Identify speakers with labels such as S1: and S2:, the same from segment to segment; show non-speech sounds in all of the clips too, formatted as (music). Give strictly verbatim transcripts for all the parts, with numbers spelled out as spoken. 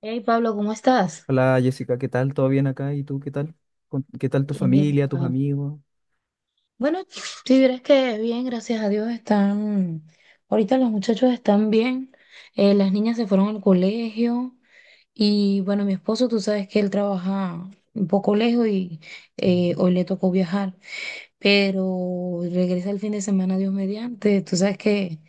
S1: Hey Pablo, ¿cómo estás?
S2: Hola Jessica, ¿qué tal? ¿Todo bien acá? ¿Y tú qué tal? ¿Con- ¿Qué tal tu
S1: Bien, bien.
S2: familia, tus
S1: Pablo.
S2: amigos?
S1: Bueno, si vieras que bien, gracias a Dios están. Ahorita los muchachos están bien. Eh, las niñas se fueron al colegio. Y bueno, mi esposo, tú sabes que él trabaja un poco lejos y eh,
S2: Ujú.
S1: hoy le tocó viajar. Pero regresa el fin de semana, Dios mediante. Tú sabes que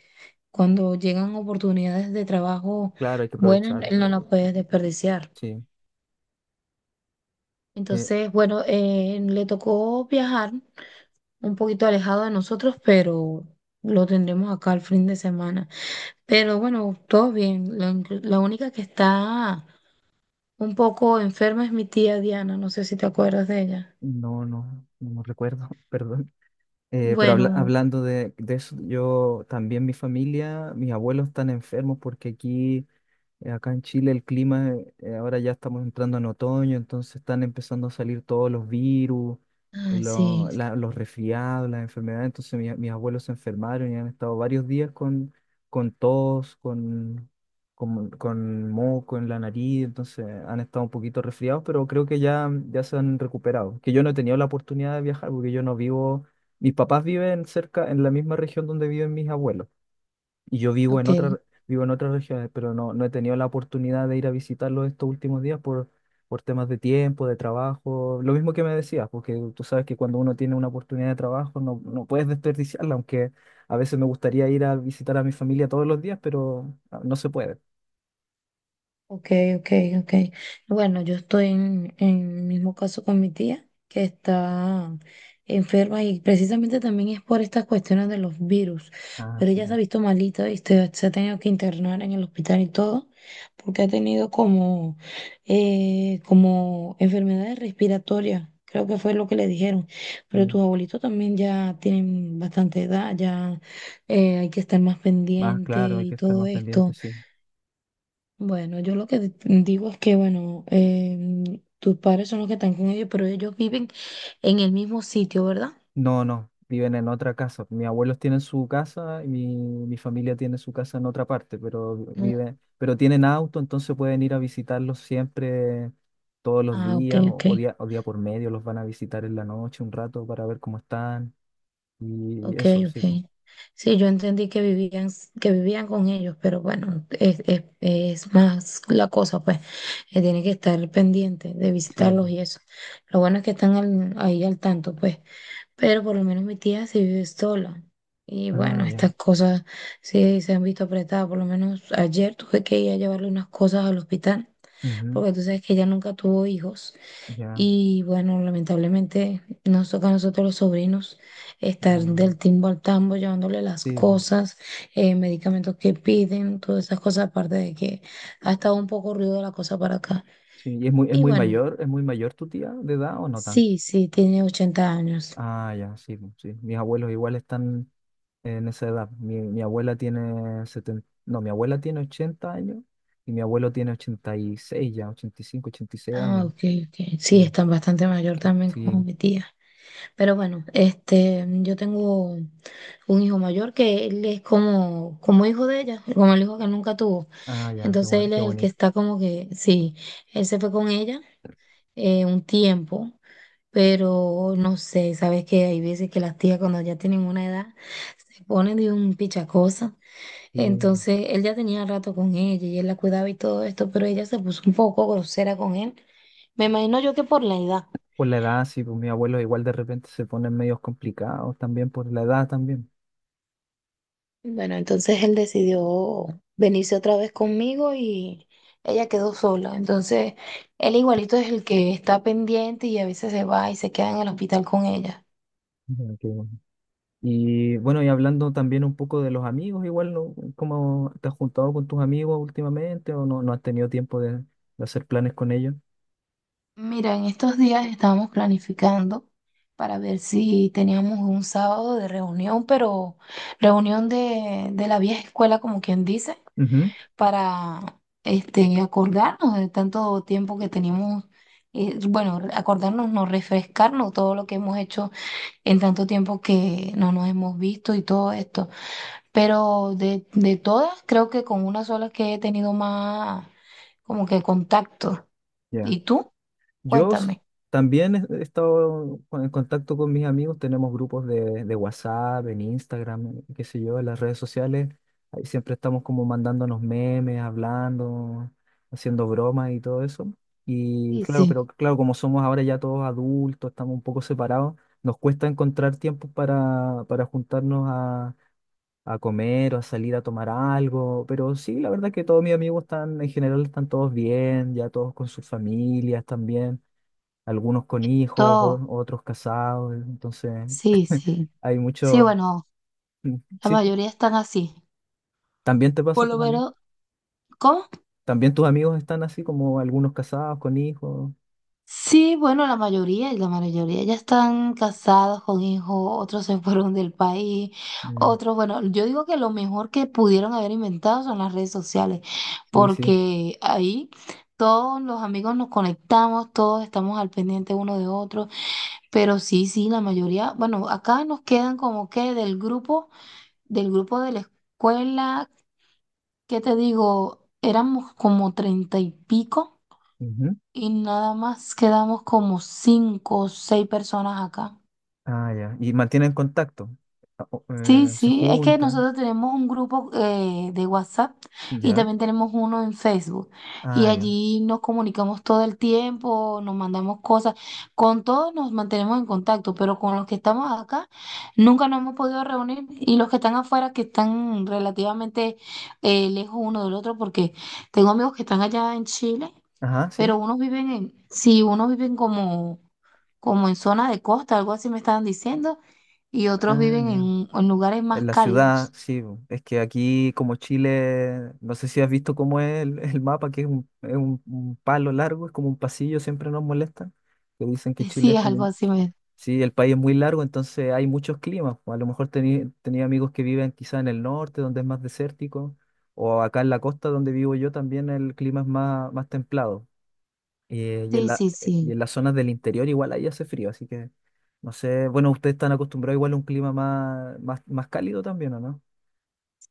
S1: cuando llegan oportunidades de trabajo
S2: Claro, hay que
S1: buenas,
S2: aprovechar.
S1: él no las puede desperdiciar.
S2: Sí. Eh,
S1: Entonces, bueno, eh, le tocó viajar un poquito alejado de nosotros, pero lo tendremos acá el fin de semana. Pero bueno, todo bien. La, inclu- la única que está un poco enferma es mi tía Diana, no sé si te acuerdas de ella.
S2: no, no, no recuerdo, (laughs) perdón. Eh, pero habla-
S1: Bueno,
S2: hablando de, de eso, yo también mi familia, mis abuelos están enfermos porque aquí. Eh, Acá en Chile el clima, eh, eh, ahora ya estamos entrando en otoño, entonces están empezando a salir todos los virus, eh,
S1: ay, sí,
S2: lo- la- los resfriados, las enfermedades. Entonces mi- mis abuelos se enfermaron y han estado varios días con, con tos, con, con, con moco en la nariz, entonces han estado un poquito resfriados, pero creo que ya, ya se han recuperado. Que yo no he tenido la oportunidad de viajar porque yo no vivo, mis papás viven cerca, en la misma región donde viven mis abuelos. Y yo vivo en
S1: ok.
S2: otra, vivo en otras regiones, pero no, no he tenido la oportunidad de ir a visitarlo estos últimos días por, por temas de tiempo, de trabajo. Lo mismo que me decías, porque tú sabes que cuando uno tiene una oportunidad de trabajo no, no puedes desperdiciarla, aunque a veces me gustaría ir a visitar a mi familia todos los días, pero ah, no se puede.
S1: Ok, ok, ok. Bueno, yo estoy en, en el mismo caso con mi tía, que está enferma y precisamente también es por estas cuestiones de los virus.
S2: Ah,
S1: Pero
S2: sí,
S1: ella se ha
S2: pues,
S1: visto malita y se, se ha tenido que internar en el hospital y todo, porque ha tenido como, eh, como enfermedades respiratorias. Creo que fue lo que le dijeron. Pero
S2: sí.
S1: tus abuelitos también ya tienen bastante edad, ya eh, hay que estar más
S2: Más
S1: pendiente
S2: claro, hay
S1: y
S2: que estar
S1: todo
S2: más pendiente,
S1: esto.
S2: sí.
S1: Bueno, yo lo que di- digo es que, bueno, em, tus padres son los que están con ellos, pero ellos viven en el mismo sitio, ¿verdad?
S2: No, no, viven en otra casa. Mis abuelos tienen su casa y mi, mi familia tiene su casa en otra parte, pero
S1: Mm.
S2: viven, pero tienen auto, entonces pueden ir a visitarlos siempre, todos los
S1: Ah, ok,
S2: días o,
S1: ok,
S2: o día, o día por medio, los van a visitar en la noche un rato para ver cómo están y
S1: ok,
S2: eso, sí, pues,
S1: ok. Sí, yo entendí que vivían, s- que vivían con ellos, pero bueno, es, es, es más la cosa, pues, que tiene que estar pendiente de
S2: sí,
S1: visitarlos
S2: pues.
S1: y eso. Lo bueno es que están al- ahí al tanto, pues. Pero por lo menos mi tía sí vive sola. Y bueno,
S2: Ah, ya,
S1: estas cosas sí se han visto apretadas. Por lo menos ayer tuve que ir a llevarle unas cosas al hospital,
S2: ujú,
S1: porque tú sabes que ella nunca tuvo hijos.
S2: ya,
S1: Y bueno, lamentablemente nos toca a nosotros los sobrinos estar
S2: mm,
S1: del timbo al tambo, llevándole las
S2: sí, pues,
S1: cosas, eh, medicamentos que piden, todas esas cosas, aparte de que ha estado un poco ruido la cosa para acá.
S2: sí. ¿Y es muy, es
S1: Y
S2: muy
S1: bueno,
S2: mayor, es muy mayor tu tía de edad o no tanto?
S1: sí, sí, tiene ochenta años.
S2: Ah, ya, sí, pues, sí. Mis abuelos igual están en esa edad. Mi, mi abuela tiene setenta, no, mi abuela tiene ochenta años y mi abuelo tiene ochenta y seis ya, ochenta ochenta y cinco ochenta y seis
S1: Ah,
S2: años.
S1: ok, ok. Sí,
S2: Sí,
S1: están bastante mayor también como
S2: sí.
S1: mi tía. Pero bueno, este, yo tengo un hijo mayor que él es como, como hijo de ella, como el hijo que nunca tuvo.
S2: Ah, ya, qué
S1: Entonces
S2: bueno,
S1: él
S2: qué
S1: es el que
S2: bonito.
S1: está como que, sí, él se fue con ella eh, un tiempo, pero no sé, sabes que hay veces que las tías cuando ya tienen una edad se ponen de un pichacosa
S2: Sí.
S1: entonces él ya tenía rato con ella y él la cuidaba y todo esto, pero ella se puso un poco grosera con él. Me imagino yo que por la edad.
S2: Por la edad, sí, pues mis abuelos igual de repente se ponen medios complicados también por la edad también.
S1: Bueno, entonces él decidió venirse otra vez conmigo y ella quedó sola. Entonces él igualito es el que está pendiente y a veces se va y se queda en el hospital con ella.
S2: Ya, qué bueno. Y bueno, y hablando también un poco de los amigos, igual, ¿no? ¿Cómo te has juntado con tus amigos últimamente o no, no has tenido tiempo de, de hacer planes con ellos?
S1: Mira, en estos días estábamos planificando para ver si teníamos un sábado de reunión, pero reunión de, de la vieja escuela, como quien dice,
S2: Ujú,
S1: para este, acordarnos de tanto tiempo que tenemos, eh, bueno, re- acordarnos, no refrescarnos todo lo que hemos hecho en tanto tiempo que no nos hemos visto y todo esto. Pero de, de todas, creo que con una sola que he tenido más como que contacto.
S2: ya.
S1: ¿Y tú?
S2: Yo s-
S1: Cuéntame.
S2: También he he estado con- en contacto con mis amigos, tenemos grupos de, de WhatsApp, en Instagram, qué sé yo, en las redes sociales. Ahí siempre estamos como mandándonos memes, hablando, haciendo bromas y todo eso. Y
S1: Sí,
S2: claro,
S1: sí,
S2: pero claro, como somos ahora ya todos adultos, estamos un poco separados, nos cuesta encontrar tiempo para, para juntarnos a, a comer o a salir a tomar algo. Pero sí, la verdad es que todos mis amigos están, en general, están todos bien, ya todos con sus familias también, algunos con hijos,
S1: todo.
S2: o- otros casados, entonces
S1: Sí,
S2: (laughs)
S1: sí.
S2: hay
S1: Sí,
S2: muchos,
S1: bueno,
S2: mm,
S1: la
S2: sí, sí.
S1: mayoría están así.
S2: ¿También te pasa
S1: Por
S2: a tus
S1: lo
S2: amigos?
S1: menos, ¿cómo?
S2: ¿También tus amigos están así como algunos casados con hijos?
S1: Sí, bueno, la mayoría, la mayoría ya están casados con hijos, otros se (laughs) fueron del país,
S2: Mm,
S1: otros, bueno, yo digo que lo mejor que pudieron haber inventado son las redes sociales,
S2: sí, sí.
S1: porque ahí todos los amigos nos conectamos, todos estamos al pendiente uno de otro, pero sí, sí, la mayoría, bueno, acá nos quedan como que del grupo, del grupo de la escuela. ¿Qué te digo? Éramos como treinta y pico.
S2: Ujú.
S1: Y nada más quedamos como cinco o seis personas acá.
S2: Ah, ya. ¿Y mantienen contacto? Ah, o-
S1: Sí,
S2: eh, ¿Se
S1: sí, es que
S2: juntan?
S1: nosotros tenemos un grupo eh, de WhatsApp y
S2: ¿Ya?
S1: también tenemos uno en Facebook. Y
S2: Ah, ya.
S1: allí nos comunicamos todo el tiempo, nos mandamos cosas. Con todos nos mantenemos en contacto, pero con los que estamos acá nunca nos hemos podido reunir. Y los que están afuera, que están relativamente eh, lejos uno del otro, porque tengo amigos que están allá en Chile,
S2: Ajá, sí.
S1: pero unos viven en, sí, unos viven como como en zona de costa, algo así me estaban diciendo, y otros
S2: Ah,
S1: viven
S2: ya.
S1: en, en lugares
S2: En
S1: más
S2: la ciudad,
S1: cálidos.
S2: sí, bo. Es que aquí como Chile, no sé si has visto cómo es el, el mapa, que es un, es un- un palo largo, es como un pasillo, siempre nos molesta. Que dicen que
S1: (laughs)
S2: Chile
S1: Sí,
S2: es como
S1: algo
S2: un...
S1: así me...
S2: Sí, el país es muy largo, entonces hay muchos climas, po. A lo mejor tení tenía amigos que viven quizá en el norte, donde es más desértico, o acá en la costa donde vivo yo también el clima es más, más templado. Eh, y en
S1: Sí,
S2: la,
S1: sí,
S2: eh, y
S1: sí,
S2: en las zonas del interior igual ahí hace frío, así que no sé, bueno, ustedes están acostumbrados igual a un clima más, más, más cálido también, ¿o no?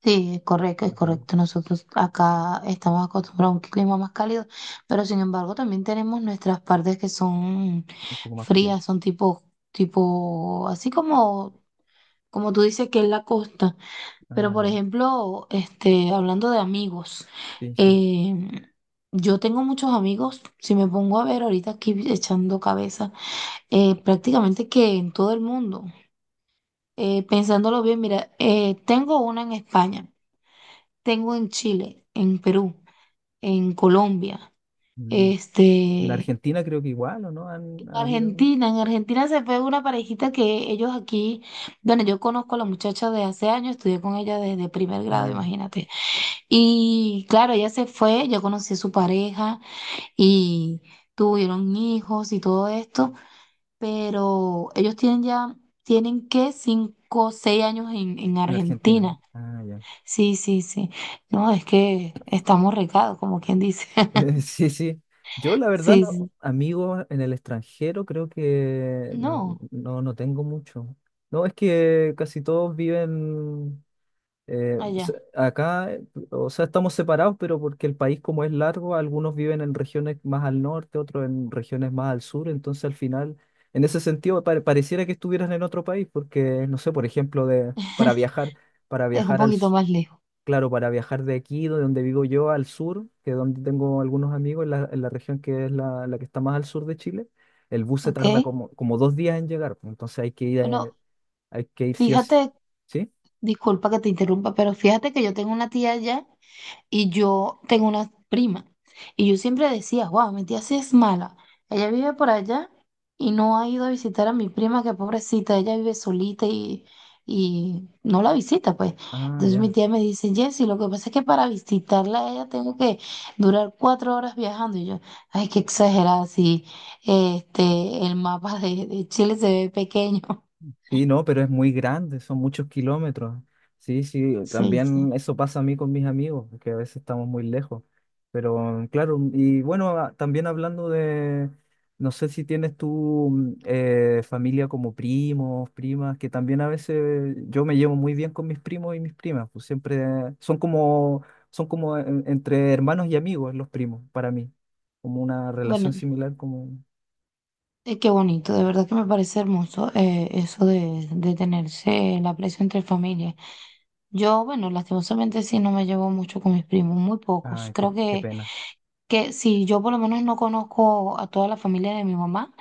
S1: sí, es correcto, es
S2: Ah, ya,
S1: correcto. Nosotros acá estamos acostumbrados a un clima más cálido, pero sin embargo también tenemos nuestras partes que son
S2: un poco más frío.
S1: frías, son tipo, tipo, así como, como tú dices que es la costa. Pero
S2: Ah,
S1: por
S2: ya.
S1: ejemplo, este, hablando de amigos,
S2: Sí, sí.
S1: eh, yo tengo muchos amigos, si me pongo a ver ahorita aquí echando cabeza, eh, prácticamente que en todo el mundo. Eh, pensándolo bien, mira, eh, tengo una en España, tengo en Chile, en Perú, en Colombia,
S2: Mm. En
S1: este,
S2: Argentina creo que igual, ¿o no? Han Ha habido.
S1: Argentina, en Argentina se fue una parejita que ellos aquí, bueno, yo conozco a la muchacha de hace años, estudié con ella desde primer grado,
S2: Ah, ya.
S1: imagínate. Y claro, ella se fue, yo conocí a su pareja y tuvieron hijos y todo esto, pero ellos tienen ya, tienen que cinco, o seis años en, en
S2: En Argentina.
S1: Argentina.
S2: Ah, ya.
S1: Sí, sí, sí. No, es que estamos recados, como quien dice.
S2: (laughs)
S1: (laughs)
S2: Sí, sí. Yo la verdad,
S1: Sí,
S2: no,
S1: sí.
S2: amigos en el extranjero creo que no,
S1: No,
S2: no, no tengo mucho. No, es que casi todos viven. Eh, se-
S1: allá.
S2: acá, eh, o sea, estamos separados, pero porque el país como es largo, algunos viven en regiones más al norte, otros en regiones más al sur, entonces al final, en ese sentido, pare- pareciera que estuvieras en otro país, porque, no sé, por ejemplo, de, para
S1: (laughs)
S2: viajar, para
S1: Es un
S2: viajar al,
S1: poquito
S2: su-
S1: más lejos,
S2: claro, para viajar de aquí, de donde vivo yo, al sur, que es donde tengo algunos amigos, en la, en la región que es la, la que está más al sur de Chile, el bus se
S1: ¿ok?
S2: tarda como, como dos días en llegar, pues, entonces hay que ir, eh,
S1: Bueno,
S2: hay que ir sí o sí.
S1: fíjate,
S2: ¿Sí?
S1: disculpa que te interrumpa, pero fíjate que yo tengo una tía allá. Y yo tengo una prima. Y yo siempre decía, wow, mi tía sí es mala. Ella vive por allá y no ha ido a visitar a mi prima, que pobrecita, ella vive solita y, y no la visita, pues.
S2: Ah,
S1: Entonces mi
S2: ya.
S1: tía me dice, Jessy, lo que pasa es que para visitarla a ella tengo que durar cuatro horas viajando. Y yo, ay, qué exagerada, si este, el mapa de, de Chile se ve pequeño. (laughs)
S2: Sí, no, pero es muy grande, son muchos kilómetros. Sí, sí,
S1: Sí,
S2: también
S1: sí.
S2: eso pasa a mí con mis amigos, que a veces estamos muy lejos. Pero claro, y bueno, a- también hablando de, no sé si tienes tú, mm, eh, familia como primos, primas, que también a veces yo me llevo muy bien con mis primos y mis primas, pues siempre son como, son como en- entre hermanos y amigos los primos, para mí, como una relación
S1: Bueno,
S2: similar como...
S1: Eh, qué bonito, de verdad que me parece hermoso eh, eso de, de tenerse el aprecio entre familia. Yo, bueno, lastimosamente sí no me llevo mucho con mis primos, muy pocos.
S2: Ah, qué,
S1: Creo
S2: qué
S1: que,
S2: pena.
S1: que si yo por lo menos no conozco a toda la familia de mi mamá,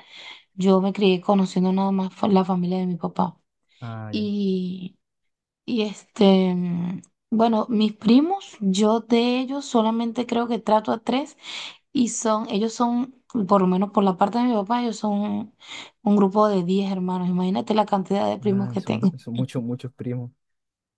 S1: yo me crié conociendo nada más fa- la familia de mi papá.
S2: Ah, ya.
S1: Y, y este, mm, bueno, mis primos, yo de ellos solamente creo que trato a tres. Y son, ellos son, por lo menos por la parte de mi papá, ellos son un grupo de diez hermanos. Imagínate la cantidad de primos
S2: Ay,
S1: que
S2: son,
S1: tengo.
S2: son
S1: (laughs)
S2: muchos, muchos primos.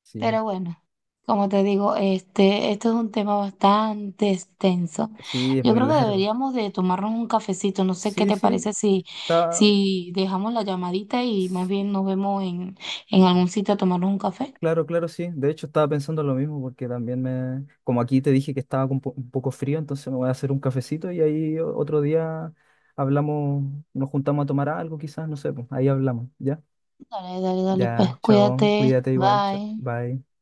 S2: Sí,
S1: Pero bueno, como te digo, este, esto es un tema bastante extenso.
S2: sí, es
S1: Yo
S2: muy
S1: creo que
S2: largo.
S1: deberíamos de tomarnos un cafecito. No sé qué
S2: Sí,
S1: te
S2: sí,
S1: parece si,
S2: está.
S1: si dejamos la llamadita y más
S2: s-
S1: bien nos vemos en, en algún sitio a tomarnos un café.
S2: Claro, claro, sí. De hecho, estaba pensando lo mismo porque también me. Como aquí te dije que estaba con po- un poco frío, entonces me voy a hacer un cafecito y ahí o- otro día hablamos, nos juntamos a tomar algo, quizás, no sé, pues ahí hablamos, ¿ya?
S1: Dale, dale, dale, pues
S2: Ya, chao,
S1: cuídate.
S2: cuídate igual, chao,
S1: Bye.
S2: bye.